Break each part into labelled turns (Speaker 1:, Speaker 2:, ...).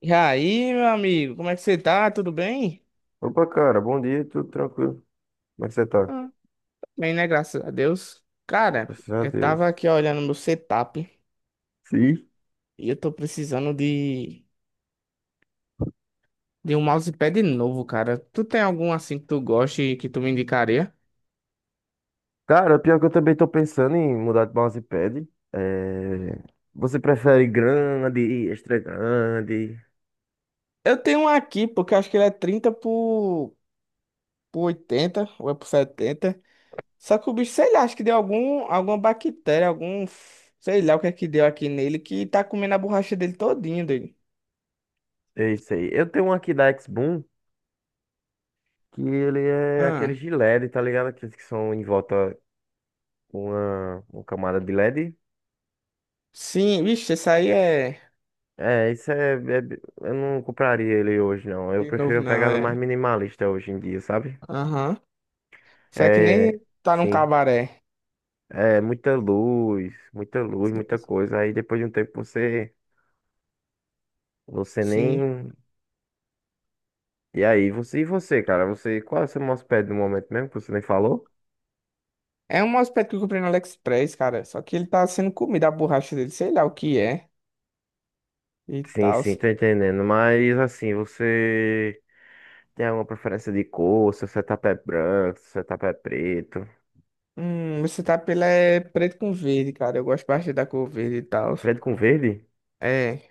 Speaker 1: E aí, meu amigo, como é que você tá? Tudo bem?
Speaker 2: Opa, cara, bom dia, tudo tranquilo? Como é que você tá?
Speaker 1: Ah, tô bem, né? Graças a Deus. Cara,
Speaker 2: Graças a
Speaker 1: eu
Speaker 2: Deus.
Speaker 1: tava aqui olhando meu setup
Speaker 2: Sim.
Speaker 1: e eu tô precisando de um mousepad novo, cara. Tu tem algum assim que tu goste e que tu me indicaria?
Speaker 2: Cara, pior que eu também tô pensando em mudar de mousepad. É... Você prefere grande, extra grande?
Speaker 1: Eu tenho um aqui, porque eu acho que ele é 30 por 80 ou é por 70. Só que o bicho, sei lá, acho que deu algum, alguma bactéria, Sei lá o que é que deu aqui nele que tá comendo a borracha dele todinho, dele.
Speaker 2: É isso aí. Eu tenho um aqui da X-Boom, que ele é aquele
Speaker 1: Ah,
Speaker 2: de LED, tá ligado? Aqueles que são em volta com uma camada de LED.
Speaker 1: sim, vixe, esse aí é.
Speaker 2: É, isso é, é- Eu não compraria ele hoje, não. Eu
Speaker 1: De
Speaker 2: prefiro
Speaker 1: novo
Speaker 2: uma
Speaker 1: não,
Speaker 2: pegada mais
Speaker 1: é.
Speaker 2: minimalista hoje em dia, sabe?
Speaker 1: Aham. Isso é que
Speaker 2: É,
Speaker 1: nem tá num
Speaker 2: sim.
Speaker 1: cabaré.
Speaker 2: É, muita luz, muita luz,
Speaker 1: Sim.
Speaker 2: muita coisa. Aí depois de um tempo você
Speaker 1: Sim.
Speaker 2: nem. E aí, você, cara? Você, qual é o seu mouse pad no momento mesmo que você nem falou?
Speaker 1: É um aspecto que eu comprei no AliExpress, cara. Só que ele tá sendo comida a borracha dele, sei lá o que é. E
Speaker 2: Sim,
Speaker 1: tal.
Speaker 2: sim, tô entendendo. Mas assim, você tem alguma preferência de cor? Seu setup é branco, seu setup é preto.
Speaker 1: Você tá pela é preto com verde, cara. Eu gosto bastante da cor verde e tal.
Speaker 2: Preto com verde?
Speaker 1: É,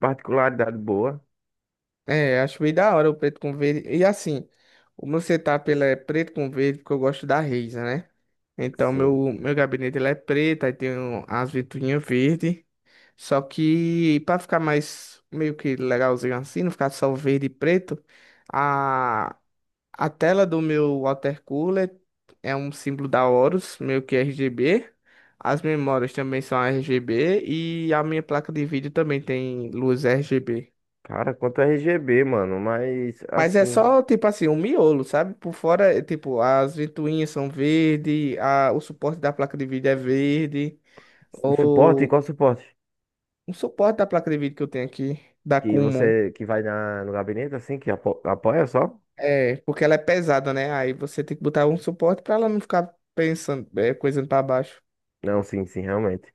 Speaker 2: Particularidade boa.
Speaker 1: é, acho bem da hora o preto com verde. E assim, o meu setup ele é preto com verde porque eu gosto da Razer, né? Então
Speaker 2: Sim.
Speaker 1: meu gabinete ele é preto, aí tem as ventoinhas verde. Só que pra ficar mais meio que legalzinho assim, não ficar só verde e preto, a, a tela do meu water cooler é um símbolo da Horus, meio que RGB. As memórias também são RGB e a minha placa de vídeo também tem luz RGB.
Speaker 2: Cara, quanto a RGB, mano, mas
Speaker 1: Mas é
Speaker 2: assim,
Speaker 1: só tipo assim, um miolo, sabe? Por fora, é, tipo, as ventoinhas são verde, o suporte da placa de vídeo é verde,
Speaker 2: o suporte,
Speaker 1: ou
Speaker 2: qual suporte?
Speaker 1: o suporte da placa de vídeo que eu tenho aqui, da
Speaker 2: Que
Speaker 1: Kumon.
Speaker 2: você que vai na, no gabinete assim, que apoia só?
Speaker 1: É, porque ela é pesada, né? Aí você tem que botar um suporte pra ela não ficar pensando, coisando pra baixo.
Speaker 2: Não, sim, sim, realmente.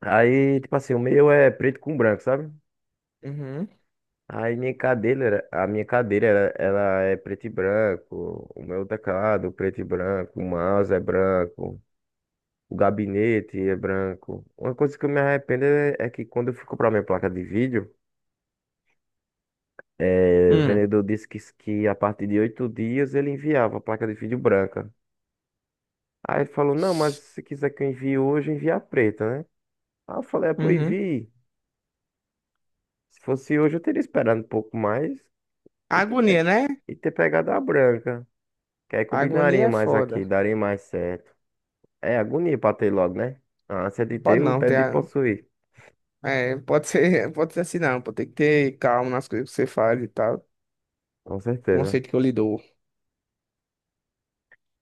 Speaker 2: Aí, tipo assim, o meu é preto com branco, sabe?
Speaker 1: Uhum.
Speaker 2: Aí minha cadeira, era- a minha cadeira, era- ela é preto e branco. O meu teclado, preto e branco. O mouse é branco. O gabinete é branco. Uma coisa que eu me arrependo é que quando eu fui comprar minha placa de vídeo, o
Speaker 1: Hum.
Speaker 2: vendedor disse que a partir de 8 dias ele enviava a placa de vídeo branca. Aí ele falou, não, mas se quiser que eu envie hoje, envia a preta, né? Aí eu falei, ah, pô,
Speaker 1: Uhum.
Speaker 2: envie. Se fosse hoje, eu teria esperado um pouco mais. E ter,
Speaker 1: Agonia,
Speaker 2: pe-
Speaker 1: né?
Speaker 2: e ter pegado a branca. Que aí
Speaker 1: Agonia
Speaker 2: combinaria
Speaker 1: é
Speaker 2: mais aqui,
Speaker 1: foda.
Speaker 2: daria mais certo. É agonia pra ter logo, né? A ânsia de
Speaker 1: Pode
Speaker 2: ter, o
Speaker 1: não ter.
Speaker 2: tédio de possuir.
Speaker 1: É, pode ser, pode ser assim, não. Pode ter que ter calma nas coisas que você faz e tal.
Speaker 2: Com certeza.
Speaker 1: Conceito que eu lhe dou.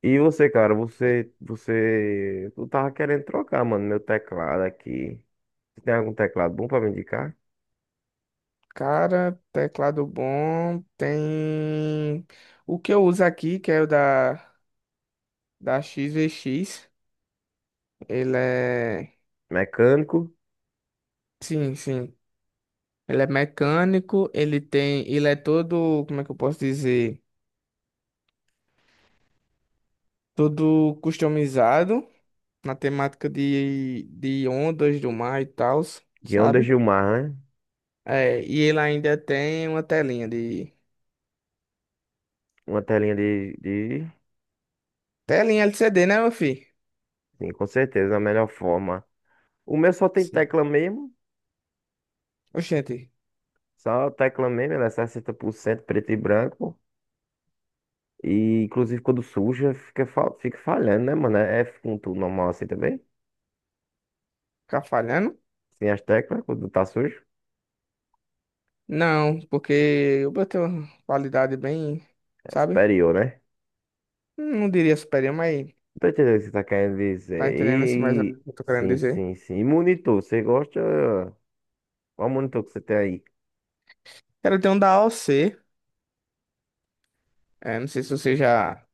Speaker 2: E você, cara, tu tava querendo trocar, mano, meu teclado aqui. Você tem algum teclado bom pra me indicar?
Speaker 1: Cara, teclado bom. Tem. O que eu uso aqui, que é o da X V X. Ele é.
Speaker 2: Mecânico,
Speaker 1: Sim, sim. Ele é mecânico, ele tem, ele é todo, como é que eu posso dizer? Todo customizado na temática de ondas do mar e tal,
Speaker 2: de onda
Speaker 1: sabe?
Speaker 2: Gilmar, né?
Speaker 1: É, e ele ainda tem uma telinha de.
Speaker 2: Uma telinha de...
Speaker 1: Telinha LCD, né, meu filho?
Speaker 2: Sim, com certeza, a melhor forma. O meu só tem
Speaker 1: Sim.
Speaker 2: tecla mesmo,
Speaker 1: Oxente,
Speaker 2: só tecla mesmo, ela é 60% preto e branco. E inclusive quando suja, fica falhando, né, mano? É F com tudo normal assim também?
Speaker 1: ficar falhando?
Speaker 2: Sem as teclas, quando tá sujo,
Speaker 1: Não, porque eu botei uma qualidade bem,
Speaker 2: é
Speaker 1: sabe?
Speaker 2: superior, né?
Speaker 1: Não diria superior, mas
Speaker 2: Não tô entendendo o que você tá querendo
Speaker 1: tá
Speaker 2: dizer.
Speaker 1: entendendo assim mais ou menos o que eu tô querendo
Speaker 2: Sim,
Speaker 1: dizer.
Speaker 2: sim, sim. E monitor, você gosta? Qual monitor que você tem aí?
Speaker 1: Quero ter um da AOC. É, não sei se você já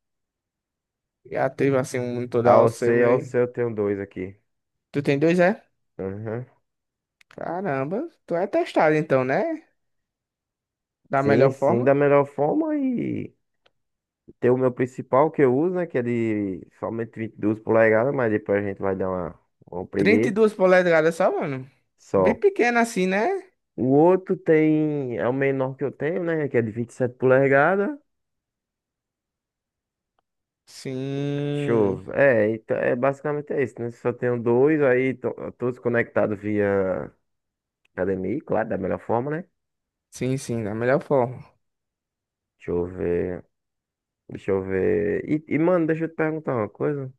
Speaker 1: Já teve assim um em toda você,
Speaker 2: AOC,
Speaker 1: mas.
Speaker 2: AOC, eu tenho dois aqui.
Speaker 1: Tu tem dois, é?
Speaker 2: Aham.
Speaker 1: Caramba, tu é testado então, né? Da
Speaker 2: Sim,
Speaker 1: melhor
Speaker 2: sim,
Speaker 1: forma.
Speaker 2: da melhor forma e tem o meu principal que eu uso, né? Que é de somente 22 polegadas, mas depois a gente vai dar uma
Speaker 1: trinta e
Speaker 2: preguiça
Speaker 1: duas polegadas só, mano. Bem
Speaker 2: só.
Speaker 1: pequeno assim, né?
Speaker 2: O outro tem, é o menor que eu tenho, né? Que é de 27 polegadas. Deixa eu
Speaker 1: Sim.
Speaker 2: ver. É, então, é basicamente é isso, né? Só tenho dois, aí todos conectados via HDMI, claro, da melhor forma, né?
Speaker 1: Sim, sim, da melhor forma.
Speaker 2: Deixa eu ver. Deixa eu ver. Mano, deixa eu te perguntar uma coisa.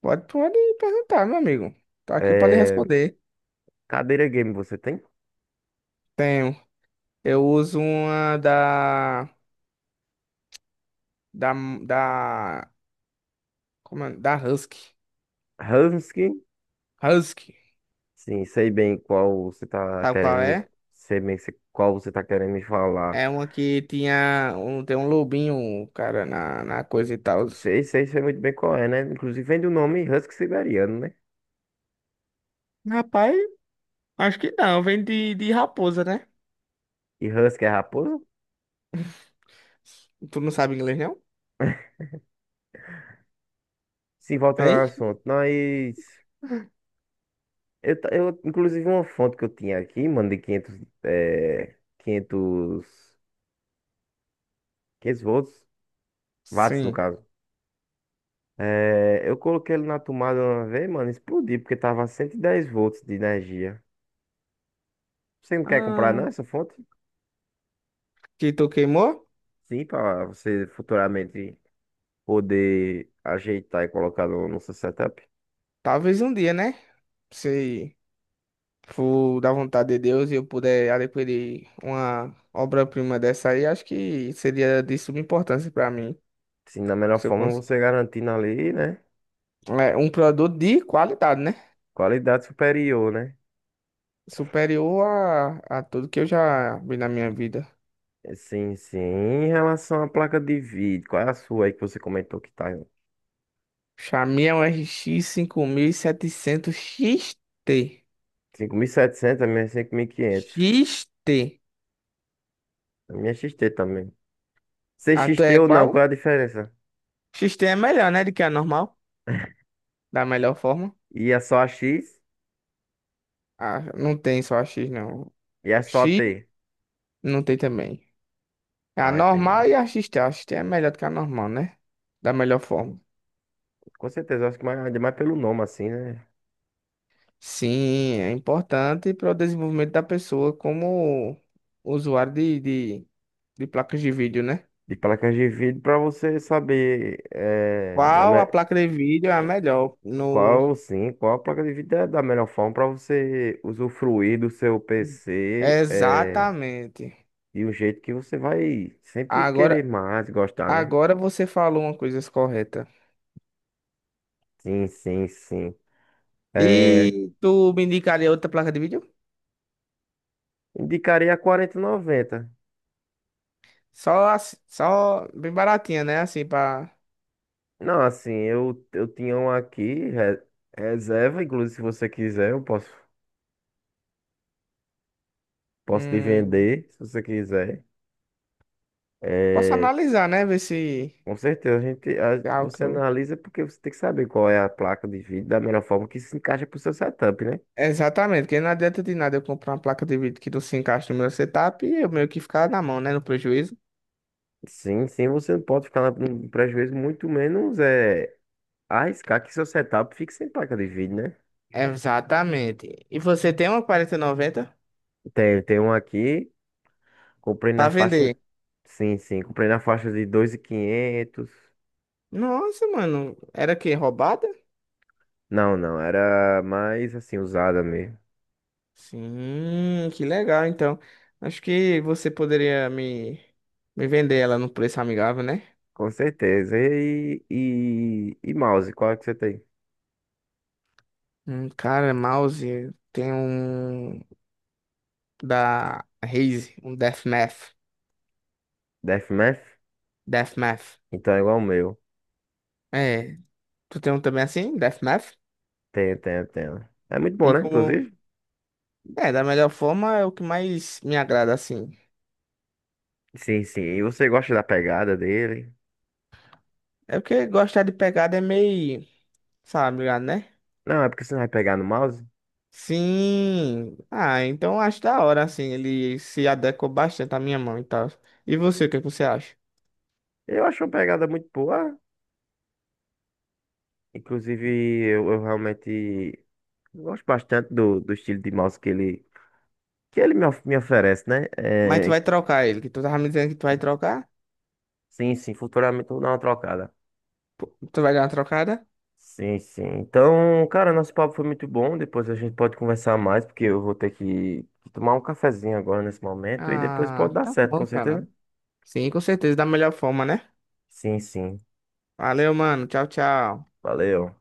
Speaker 1: Pode, pode perguntar, meu amigo. Tô aqui pra lhe
Speaker 2: É,
Speaker 1: responder.
Speaker 2: cadeira game você tem?
Speaker 1: Tenho. Eu uso uma da. Da. Da. Como é? Da Husky.
Speaker 2: Husky?
Speaker 1: Husky.
Speaker 2: Sim, sei bem qual você tá
Speaker 1: Sabe
Speaker 2: querendo
Speaker 1: qual
Speaker 2: me.
Speaker 1: é?
Speaker 2: Sei bem se- qual você tá querendo me falar.
Speaker 1: É uma que tinha um, tem um lobinho, cara, na coisa e tal.
Speaker 2: Sei, sei, sei muito bem qual é, né? Inclusive vem do nome Husky Siberiano, né?
Speaker 1: Rapaz, acho que não. Vem de raposa, né?
Speaker 2: E Husky é raposa?
Speaker 1: Tu não sabe inglês, não?
Speaker 2: Sim, volta ao
Speaker 1: Vem?
Speaker 2: assunto, nós. Inclusive, uma fonte que eu tinha aqui, mano, de 500, é, 500, 500 volts, watts no
Speaker 1: Sim.
Speaker 2: caso. É, eu coloquei ele na tomada uma vez, mano, explodiu, porque tava 110 volts de energia. Você não quer comprar,
Speaker 1: Ah,
Speaker 2: não, essa fonte?
Speaker 1: que tu queimou?
Speaker 2: Sim, pra você futuramente poder ajeitar e colocar no seu setup.
Speaker 1: Talvez um dia, né? Se for da vontade de Deus e eu puder adquirir uma obra-prima dessa aí, acho que seria de suma importância pra mim.
Speaker 2: Sim, da melhor
Speaker 1: Se eu
Speaker 2: forma
Speaker 1: cons...
Speaker 2: você garantindo ali, né?
Speaker 1: É, um produto de qualidade, né?
Speaker 2: Qualidade superior, né?
Speaker 1: Superior a tudo que eu já vi na minha vida.
Speaker 2: Sim, sim. Em relação à placa de vídeo, qual é a sua aí que você comentou que tá
Speaker 1: Chamei um RX 5700 XT.
Speaker 2: 5.700, a minha é 5.500.
Speaker 1: X-T.
Speaker 2: A minha é XT também.
Speaker 1: A tua
Speaker 2: CXT
Speaker 1: é
Speaker 2: ou não,
Speaker 1: qual?
Speaker 2: qual é a diferença?
Speaker 1: X-T é melhor, né? Do que a normal. Da melhor forma.
Speaker 2: E é só a X
Speaker 1: Ah, não tem só a X, não.
Speaker 2: e é só a
Speaker 1: X
Speaker 2: T.
Speaker 1: não tem também. A
Speaker 2: Ah, entendi.
Speaker 1: normal e a X-T. A X-T é melhor do que a normal, né? Da melhor forma.
Speaker 2: Com certeza, acho que mais, ainda mais pelo nome assim, né?
Speaker 1: Sim, é importante para o desenvolvimento da pessoa como usuário de placas de vídeo, né?
Speaker 2: De placas de vídeo para você saber
Speaker 1: Qual a placa de vídeo é a melhor? No...
Speaker 2: qual sim, qual a placa de vídeo é da melhor forma para você usufruir do seu PC.
Speaker 1: Exatamente.
Speaker 2: E o jeito que você vai sempre querer
Speaker 1: Agora,
Speaker 2: mais, gostar, né?
Speaker 1: agora, você falou uma coisa correta.
Speaker 2: Sim, sim, sim. É,
Speaker 1: E tu me indicaria outra placa de vídeo?
Speaker 2: indicaria a 4090.
Speaker 1: Só bem baratinha, né? Assim, pra.
Speaker 2: Não, assim, eu tinha um aqui, reserva, inclusive se você quiser, eu posso, posso te
Speaker 1: Hum,
Speaker 2: vender, se você quiser.
Speaker 1: posso
Speaker 2: É,
Speaker 1: analisar, né? Ver se
Speaker 2: com certeza,
Speaker 1: é algo que
Speaker 2: você
Speaker 1: eu.
Speaker 2: analisa porque você tem que saber qual é a placa de vídeo da melhor forma que se encaixa pro seu setup, né?
Speaker 1: Exatamente, porque não adianta de nada eu comprar uma placa de vídeo que não se encaixa no meu setup e eu meio que ficar na mão, né? No prejuízo.
Speaker 2: Sim, sim, você não pode ficar no prejuízo, muito menos arriscar que seu setup fique sem placa de vídeo, né?
Speaker 1: Exatamente. E você tem uma 4090
Speaker 2: Tem, tem um aqui. Comprei
Speaker 1: pra
Speaker 2: na faixa.
Speaker 1: vender?
Speaker 2: Sim, sim. Comprei na faixa de 2.500.
Speaker 1: Nossa, mano. Era que roubada?
Speaker 2: Não, não. Era mais assim, usada mesmo.
Speaker 1: Sim, que legal. Então, acho que você poderia me vender ela num preço amigável, né?
Speaker 2: Com certeza. E mouse, qual é que você tem?
Speaker 1: Cara, mouse tem um da Raze, um Deathmath.
Speaker 2: Deathmatch?
Speaker 1: Deathmath.
Speaker 2: Então é igual o meu.
Speaker 1: É, tu tem um também assim, Deathmath?
Speaker 2: Tenho, tenho, tenho. É muito bom,
Speaker 1: E
Speaker 2: né?
Speaker 1: como,
Speaker 2: Inclusive.
Speaker 1: da melhor forma é o que mais me agrada assim.
Speaker 2: Sim, sim. E você gosta da pegada dele?
Speaker 1: É porque gostar de pegada é meio, sabe, ligado, né?
Speaker 2: Não, é porque você não vai pegar no mouse?
Speaker 1: Sim. Ah, então acho da hora assim, ele se adequa bastante à minha mão e tal. E você, o que é que você acha?
Speaker 2: Eu acho uma pegada muito boa. Inclusive, eu realmente gosto bastante do, do estilo de mouse que ele. Que ele me, me oferece, né?
Speaker 1: Mas tu vai trocar ele, que tu tava me dizendo que tu vai trocar?
Speaker 2: Sim, sim, futuramente eu vou dar uma trocada.
Speaker 1: Pô, Tu vai dar uma trocada?
Speaker 2: Sim, sim. Então, cara, nosso papo foi muito bom. Depois a gente pode conversar mais, porque eu vou ter que tomar um cafezinho agora nesse momento e depois pode
Speaker 1: Ah,
Speaker 2: dar
Speaker 1: tá
Speaker 2: certo, com
Speaker 1: bom, cara.
Speaker 2: certeza.
Speaker 1: Sim, com certeza, da melhor forma, né?
Speaker 2: Sim, sim.
Speaker 1: Valeu, mano. Tchau, tchau.
Speaker 2: Valeu.